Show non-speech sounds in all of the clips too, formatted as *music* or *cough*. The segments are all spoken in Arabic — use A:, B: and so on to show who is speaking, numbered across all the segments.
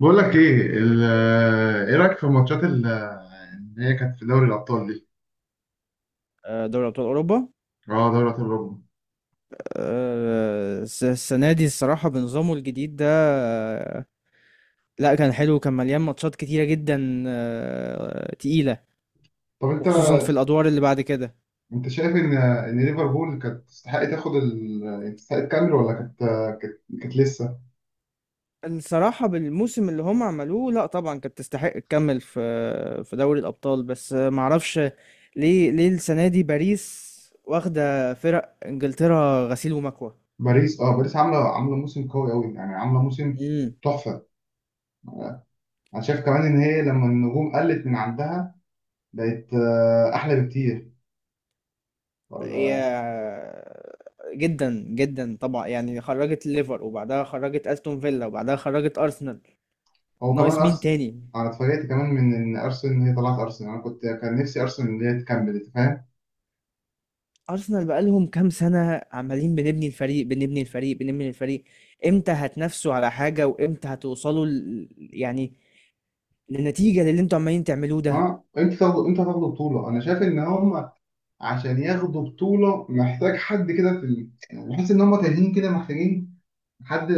A: بقول لك ايه ايه رايك في الماتشات اللي هي كانت في دوري الابطال دي؟
B: آه، دوري أبطال أوروبا.
A: اه، دوري ابطال اوروبا.
B: السنة دي، الصراحة، بنظامه الجديد ده. آه، لا كان حلو، كان مليان ماتشات كتيرة جدا، تقيلة.
A: طب انت
B: وخصوصا في الأدوار اللي بعد كده.
A: انت شايف ان ليفربول كانت تستحق تاخد يعني تستحق تكمل ولا كانت لسه؟
B: الصراحة بالموسم اللي هم عملوه، لا طبعا كانت تستحق تكمل في دوري الأبطال، بس معرفش ليه السنة دي باريس واخدة فرق إنجلترا غسيل ومكوى.
A: باريس عامله موسم قوي قوي، يعني عامله موسم تحفه. انا شايف كمان ان هي لما النجوم قلت من عندها بقت احلى بكتير، ولا؟
B: يا، جدا جدا طبعا، يعني خرجت ليفر وبعدها خرجت استون فيلا وبعدها خرجت ارسنال.
A: هو كمان
B: ناقص مين
A: ارسنال.
B: تاني؟
A: انا اتفاجئت كمان من ان ارسنال، إن هي طلعت ارسنال. انا كنت كان نفسي ارسنال ان هي تكمل. انت فاهم؟
B: ارسنال بقالهم كام سنه عمالين بنبني الفريق، بنبني الفريق، بنبني الفريق. امتى هتنافسوا على حاجه؟ وامتى هتوصلوا يعني للنتيجه اللي انتوا عمالين تعملوه ده؟
A: اه، انت هتاخدوا بطوله. انا شايف ان هم
B: اه،
A: عشان ياخدوا بطوله محتاج حد كده في يعني بحس ان هم تايهين كده، محتاجين حد،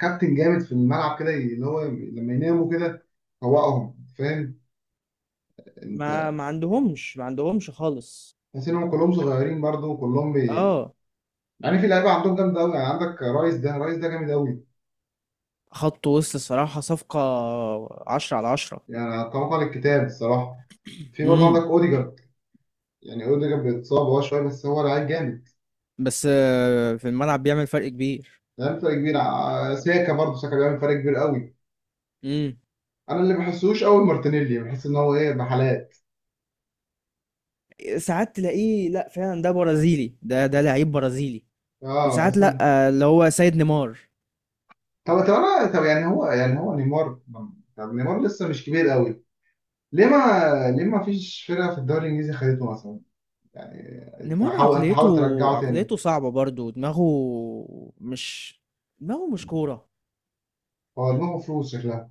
A: كابتن جامد في الملعب كده، اللي هو لما يناموا كده فوقهم. فاهم
B: ما
A: انت؟
B: ما عندهمش، ما عندهمش خالص.
A: تحس ان هم كلهم صغيرين برضه، وكلهم
B: اه،
A: يعني في لعيبه عندهم جامده قوي. يعني عندك رايس ده جامد قوي
B: خط وسط الصراحه صفقه عشرة على عشرة.
A: يعني، طبقا للكتاب الصراحه. في برضه
B: امم.
A: عندك اوديجارد، يعني اوديجارد بيتصاب هو شويه بس هو لعيب جامد،
B: بس في الملعب بيعمل فرق كبير.
A: لعيب فرق كبير. ساكا برضه، ساكا بيعمل فرق كبير قوي.
B: امم.
A: انا اللي بحسوش قوي مارتينيلي، بحس ان هو ايه، بحالات.
B: ساعات تلاقيه، لا فعلا، ده برازيلي، ده لعيب برازيلي.
A: اه،
B: وساعات
A: بحس
B: لا.
A: ان...
B: اللي هو سيد نيمار.
A: طب يعني هو نيمار. طب نيمار لسه مش كبير قوي، ليه ما ليه ما فيش فرقه في الدوري الانجليزي خدته مثلا؟ يعني
B: نيمار،
A: تحاول
B: عقليته
A: تحاول ترجعه تاني.
B: عقليته صعبة برضو. مش دماغه مش كورة.
A: هو دماغه فلوس شكلها.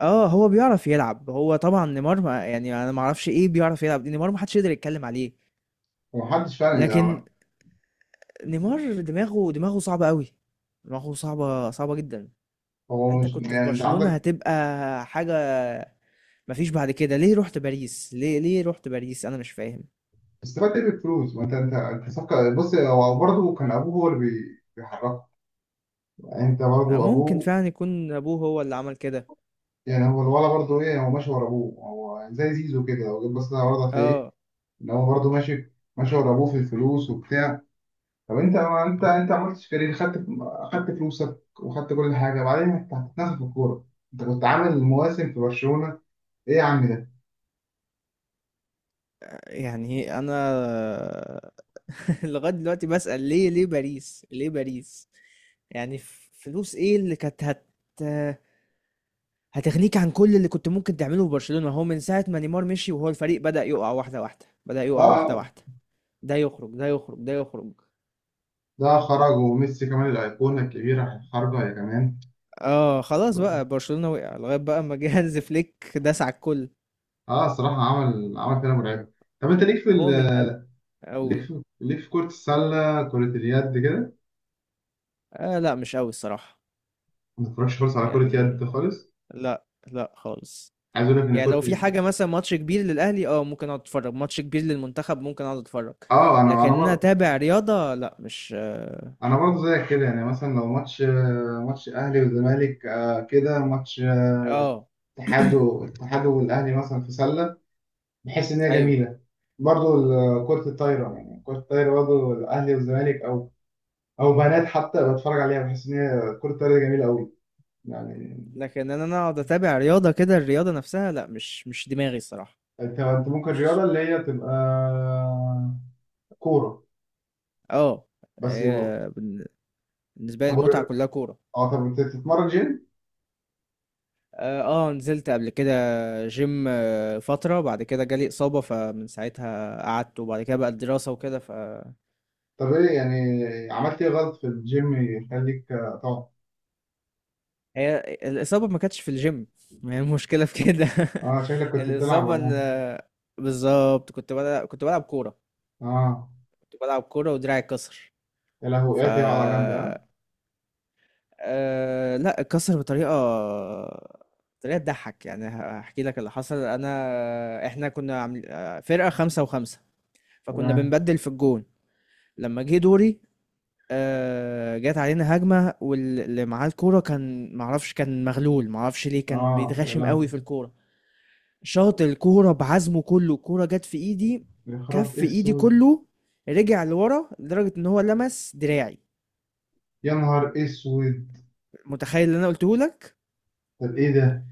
B: اه، هو بيعرف يلعب، هو طبعا نيمار، ما يعني انا ما اعرفش ايه، بيعرف يلعب دي نيمار، ما حدش يقدر يتكلم عليه.
A: ومحدش فعلا
B: لكن
A: يعني.
B: نيمار، دماغه صعبة قوي. دماغه صعبة صعبة جدا.
A: هو
B: انت
A: مش
B: كنت في
A: يعني، انت
B: برشلونة
A: عندك
B: هتبقى حاجة، مفيش بعد كده. ليه رحت باريس؟ ليه رحت باريس؟ انا مش فاهم.
A: استفدت ايه بالفلوس؟ ما انت، انت صفقه. بص، هو برضه كان ابوه هو اللي بيحركه يعني انت برضه
B: ممكن
A: ابوه.
B: فعلا يكون ابوه هو اللي عمل كده.
A: يعني هو الولد برضه ايه، هو ماشي ورا ابوه. هو زي زيزو كده، لو جيت بصيت على الولد هتلاقيه
B: اه.
A: ان هو برضه ماشي ورا ابوه في الفلوس وبتاع. طب انت، ما انت عملتش كارير؟ خدت، فلوسك وخدت كل حاجه، بعدين انت هتتنفخ في الكوره؟ انت كنت عامل مواسم في برشلونه، ايه يا عم ده؟
B: يعني انا *laughs* لغايه دلوقتي بسأل، ليه باريس؟ ليه باريس؟ يعني فلوس ايه اللي كانت هتغنيك عن كل اللي كنت ممكن تعمله في برشلونة؟ هو من ساعة ما نيمار مشي وهو الفريق بدأ يقع واحدة واحدة، بدأ يقع واحدة
A: اه،
B: واحدة. ده يخرج، ده يخرج، ده يخرج.
A: ده خرج، وميسي كمان الايقونه الكبيره خارجه يا كمان.
B: اه، خلاص بقى، برشلونة وقع لغاية بقى ما جه *laughs* هانز فليك داس على الكل.
A: اه، صراحه عمل كده مرعب. طب انت ليك في
B: هو من قبل،
A: ليك
B: او...
A: في ليك في كرة السلة، كرة اليد كده؟
B: آه، لا مش قوي الصراحة.
A: ما بتتفرجش خالص على كرة يد
B: يعني،
A: خالص؟
B: لا لا خالص.
A: عايز اقول لك ان
B: يعني لو
A: كرة
B: في حاجة، مثلا ماتش كبير للأهلي، اه ممكن اقعد اتفرج. ماتش كبير للمنتخب ممكن اقعد اتفرج.
A: اه انا
B: لكن انا
A: انا
B: اتابع رياضة، لا، مش،
A: انا برضه زيك كده. يعني مثلا لو ماتش، اهلي والزمالك، كده ماتش
B: اه.
A: الاتحاد والاهلي مثلا في سله، بحس ان
B: *clears throat*
A: هي
B: ايوه.
A: جميله. برضه كره الطايره، يعني كره الطايره برضه الاهلي والزمالك، او او بنات حتى، بتفرج عليها. بحس ان هي كره الطايره دي جميله قوي يعني.
B: لكن انا اقعد اتابع رياضة كده، الرياضة نفسها لا، مش دماغي الصراحة.
A: انت ممكن رياضه
B: مش،
A: اللي هي تبقى كوره
B: اه.
A: بس، يبقى...
B: آه، بن- بالنسبة لي
A: طب
B: المتعة
A: ور-
B: كلها كورة.
A: اه طب انت بتتمرن جيم؟
B: اه. نزلت قبل كده جيم فترة، بعد كده جالي إصابة، فمن ساعتها قعدت، وبعد كده بقى الدراسة وكده.
A: طب ايه يعني، عملت ايه غلط في الجيم يخليك تقعد؟
B: هي الإصابة ما كانتش في الجيم، ما هي المشكلة في كده
A: اه، شكلك
B: *laughs*
A: كنت بتلعب،
B: الإصابة
A: ولا؟
B: بالظبط، كنت بلعب كورة،
A: اه،
B: كنت بلعب كورة ودراعي اتكسر.
A: يا لهوي،
B: ف
A: ايه دي على جنب، اه.
B: لا اتكسر بطريقة، طريقة تضحك، يعني هحكي لك اللي حصل. إحنا كنا عامل... آه، فرقة خمسة وخمسة، فكنا
A: تمام.
B: بنبدل في الجون. لما جه دوري، جت علينا هجمة، واللي معاه الكورة كان معرفش، كان مغلول، معرفش ليه، كان
A: اه، يا
B: بيتغشم قوي
A: لهوي.
B: في الكورة. شاط الكورة بعزمه كله، الكورة جت في ايدي.
A: يخرب
B: كف ايدي
A: اسود.
B: كله رجع لورا لدرجة ان هو لمس دراعي.
A: يا نهار اسود.
B: متخيل اللي انا قلته لك؟
A: طب ايه ده؟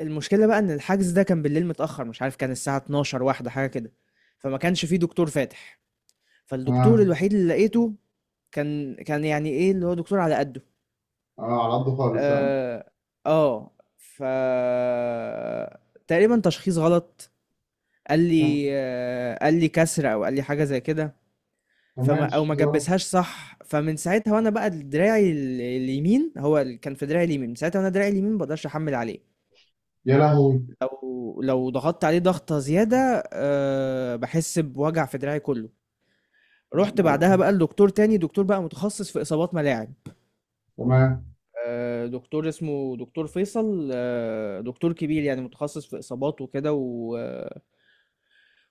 B: المشكلة بقى ان الحجز ده كان بالليل متأخر، مش عارف، كان الساعة 12 واحدة، حاجة كده. فما كانش فيه دكتور فاتح، فالدكتور
A: اه،
B: الوحيد اللي لقيته كان يعني ايه، اللي هو دكتور على قده.
A: اه، على قده خالص، اه.
B: اه، اه. ف تقريبا تشخيص غلط.
A: كم-
B: قال لي كسر، او قال لي حاجة زي كده. فما،
A: كمان
B: او ما
A: شوية.
B: جبسهاش صح، فمن ساعتها وانا بقى دراعي اليمين، هو اللي كان في دراعي اليمين، من ساعتها وانا دراعي اليمين ما بقدرش احمل عليه.
A: يا لهوي.
B: لو ضغطت عليه ضغطه زياده، أه بحس بوجع في دراعي كله. رحت
A: آه،
B: بعدها بقى لدكتور تاني، دكتور بقى متخصص في اصابات ملاعب.
A: تمام.
B: أه، دكتور اسمه دكتور فيصل. أه، دكتور كبير، يعني متخصص في اصابات وكده، و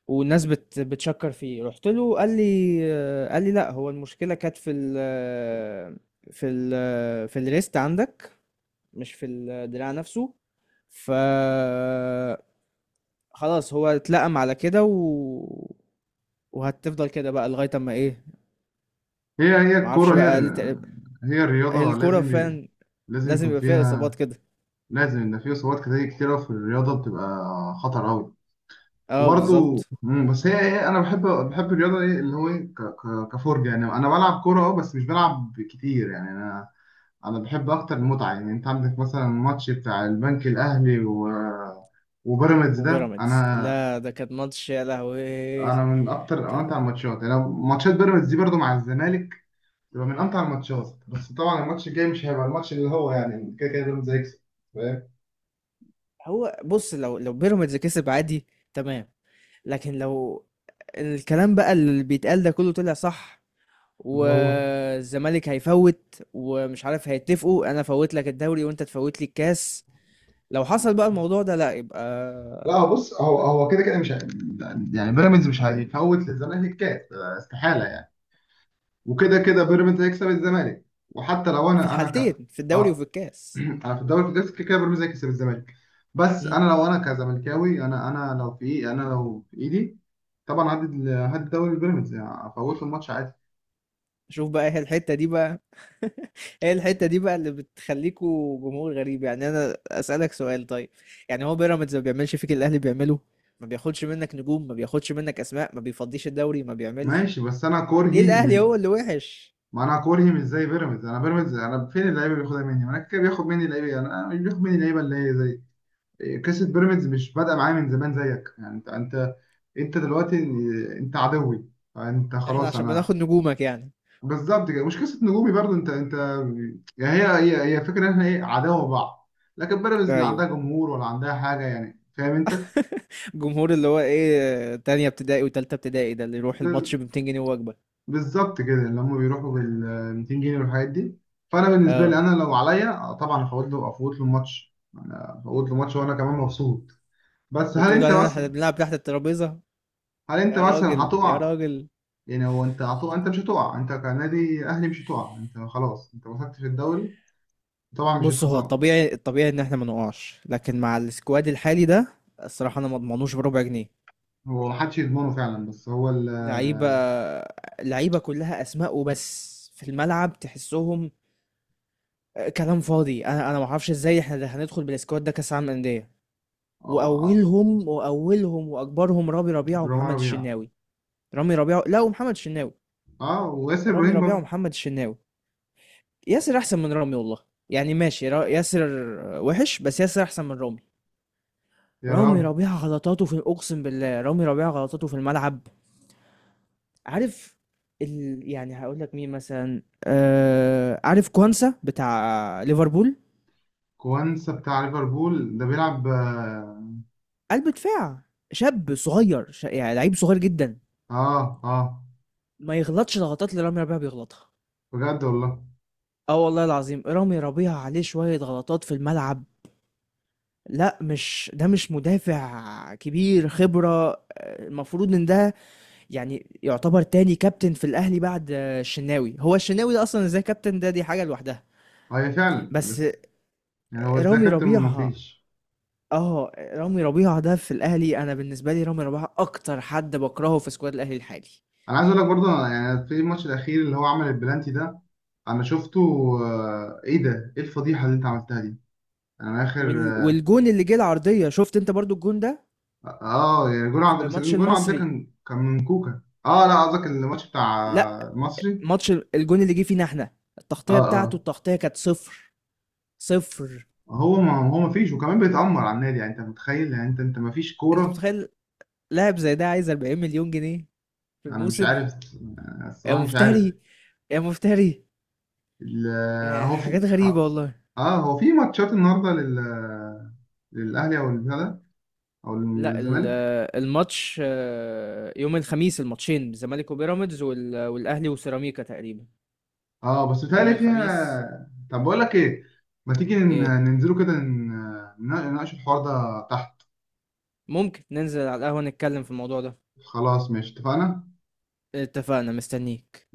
B: والناس بتشكر فيه. رحت له، قال لي لا، هو المشكلة كانت في الريست عندك، مش في الدراع نفسه. ف خلاص، هو اتلقم على كده و... وهتفضل كده بقى لغاية اما ايه.
A: هي
B: معرفش
A: الكورة،
B: بقى، قال لي تقريبا
A: هي الرياضة،
B: الكورة فعلا
A: لازم
B: لازم
A: يكون
B: يبقى فيها
A: فيها،
B: اصابات كده.
A: لازم ان في اصابات كتير كتيرة. في الرياضة بتبقى خطر قوي.
B: اه،
A: وبرضه،
B: بالظبط.
A: بس هي ايه، انا بحب الرياضة، ايه اللي هو ايه، كفرجة يعني. انا بلعب كورة اه، بس مش بلعب كتير يعني. انا بحب اكتر المتعه. يعني انت عندك مثلا الماتش بتاع البنك الاهلي و... وبيراميدز ده،
B: وبيراميدز،
A: انا
B: لا ده كان ماتش يا لهوي.
A: من اكتر
B: كان-
A: امتع الماتشات يعني. أنا ماتشات بيراميدز دي برضو مع الزمالك تبقى من امتع الماتشات. بس طبعا الماتش الجاي مش هيبقى الماتش اللي هو يعني. كده كده بيراميدز هيكسب، فاهم؟
B: هو بص، لو بيراميدز كسب، عادي، تمام. لكن لو الكلام بقى اللي بيتقال ده كله طلع صح،
A: اللي هو،
B: والزمالك هيفوت، ومش عارف هيتفقوا، انا فوت لك الدوري وانت تفوت لي الكاس. لو حصل بقى الموضوع ده، لا يبقى
A: لا، هو بص، هو كده كده مش يعني بيراميدز مش هيفوت للزمالك الكاس، استحاله يعني. وكده كده بيراميدز هيكسب الزمالك. وحتى لو
B: في
A: انا
B: الحالتين، في الدوري وفي
A: اه
B: الكاس.
A: انا في الدوري، في كده كده بيراميدز هيكسب الزمالك. بس
B: مم.
A: انا لو انا كزملكاوي، انا لو في ايه، انا لو في ايدي طبعا هدي هدي الدوري لبيراميدز، يعني افوت الماتش عادي.
B: شوف بقى، هي الحتة دي بقى *laughs* هي الحتة دي بقى اللي بتخليكوا جمهور غريب. يعني انا اسألك سؤال، طيب، يعني هو بيراميدز ما بيعملش فيك اللي الاهلي بيعمله؟ ما بياخدش منك نجوم؟ ما بياخدش منك اسماء؟ ما بيفضيش الدوري؟ ما بيعملش؟
A: ماشي، بس انا
B: ليه
A: كرهي
B: الاهلي هو اللي وحش؟
A: ما انا كرهي مش زي بيراميدز. انا بيراميدز، انا فين اللعيبه اللي بياخدها مني؟ ما انا كده بياخد مني اللعيبه، انا مش بياخد مني اللعيبه اللي هي زي إيه؟ قصه بيراميدز مش بادئه معايا من زمان زيك. يعني انت دلوقتي إيه، انت عدوي. فانت
B: احنا
A: خلاص،
B: عشان
A: انا...
B: بناخد نجومك يعني؟
A: بالظبط كده. مش قصه نجومي برضو. انت يعني هي فكره ان احنا ايه، عداوه بعض. لكن بيراميدز لا
B: ايوه،
A: عندها جمهور ولا عندها حاجه يعني، فاهم انت؟
B: جمهور اللي هو ايه؟ تانية ابتدائي وتالتة ابتدائي، ده اللي يروح
A: ب-
B: الماتش ب 200 جنيه وجبة.
A: بالظبط كده. اللي هم بيروحوا بال 200 جنيه والحاجات دي. فانا بالنسبه لي
B: اه،
A: انا، لو عليا طبعا افوت له، الماتش. انا افوت له ماتش وانا كمان مبسوط. بس هل
B: وتقول
A: انت
B: علينا احنا
A: مثلا،
B: بنلعب تحت الترابيزة.
A: هل انت
B: يا
A: مثلا
B: راجل، يا
A: هتقع؟
B: راجل.
A: يعني هو انت هتقع؟ انت مش هتقع، انت كنادي اهلي مش هتقع، انت خلاص، انت مسكت في الدوري، طبعا مش
B: بص، هو
A: هيتخصم.
B: الطبيعي ان احنا ما نقعش، لكن مع السكواد الحالي ده، الصراحة انا ما اضمنوش بربع جنيه.
A: هو محدش يضمنه فعلا، بس هو ال...
B: لعيبة، لعيبة كلها اسماء وبس، في الملعب تحسهم كلام فاضي. انا ما اعرفش ازاي احنا هندخل بالسكواد ده كاس عالم انديه.
A: أو
B: واولهم واكبرهم رامي ربيعه
A: رامي
B: ومحمد
A: ربيعة.
B: الشناوي. رامي ربيعه، لا، ومحمد الشناوي.
A: أه، وياسر
B: رامي
A: إبراهيم
B: ربيعه
A: برضه.
B: ومحمد الشناوي. ياسر احسن من رامي والله. يعني ماشي ياسر وحش، بس ياسر احسن من رامي.
A: يا
B: رامي
A: رام
B: ربيعه غلطاته في اقسم بالله، رامي ربيعه غلطاته في الملعب. عارف؟ يعني هقول لك مين مثلا، عارف كوانسا بتاع ليفربول؟
A: كوانسا بتاع ليفربول ده بيلعب، أه.
B: قلب دفاع، شاب صغير، يعني لعيب صغير جدا،
A: أه. آه،
B: ما يغلطش الغلطات اللي رامي ربيعه بيغلطها.
A: بجد والله.
B: اه، والله العظيم، رامي ربيعة عليه شوية غلطات في الملعب. لا، مش ده، مش مدافع كبير خبرة. المفروض ان ده، يعني، يعتبر تاني كابتن في الاهلي بعد الشناوي. هو الشناوي ده اصلا ازاي كابتن؟ ده دي حاجة لوحدها.
A: أه، هي فعلا،
B: بس
A: بس يعني هو إزاي
B: رامي
A: كابتن؟
B: ربيعة
A: مفيش.
B: اه رامي ربيعة ده في الاهلي، انا بالنسبة لي رامي ربيعة اكتر حد بكرهه في سكواد الاهلي الحالي.
A: أنا عايز أقول لك برضه، يعني في الماتش الأخير اللي هو عمل البلانتي ده، أنا شفته. إيه ده؟ إيه الفضيحة اللي أنت عملتها دي؟ أنا آخر...
B: والجون اللي جه العرضية، شفت انت برضو الجون ده
A: اه، يعني جون عبد.
B: في
A: بس
B: ماتش
A: جون عبد ده
B: المصري؟
A: كان من كوكا. اه، لا، قصدك الماتش بتاع
B: لا،
A: المصري.
B: ماتش الجون اللي جه فينا، احنا
A: اه،
B: التغطيه بتاعته،
A: اه،
B: التغطيه كانت صفر. صفر.
A: هو، ما هو ما فيش. وكمان بيتأمر على النادي، يعني انت متخيل؟ يعني انت ما فيش
B: انت
A: كورة.
B: متخيل؟ لاعب زي ده عايز 40 مليون جنيه في
A: انا مش
B: الموسم.
A: عارف،
B: يا
A: الصراحة مش عارف.
B: مفتري، يا مفتري.
A: ال-
B: يا
A: هو في
B: حاجات غريبه
A: اه،
B: والله.
A: هو في ماتشات النهارده للاهلي او البتاع ده، او
B: لا،
A: للزمالك؟
B: الماتش يوم الخميس الماتشين، الزمالك وبيراميدز والاهلي وسيراميكا تقريبا،
A: اه، بس
B: يوم
A: بيتهيألي
B: الخميس.
A: فيها. طب بقول لك ايه، ما تيجي
B: ايه،
A: ننزلوا كده نناقش الحوار ده تحت؟
B: ممكن ننزل على القهوه نتكلم في الموضوع ده.
A: خلاص ماشي، اتفقنا.
B: اتفقنا، مستنيك.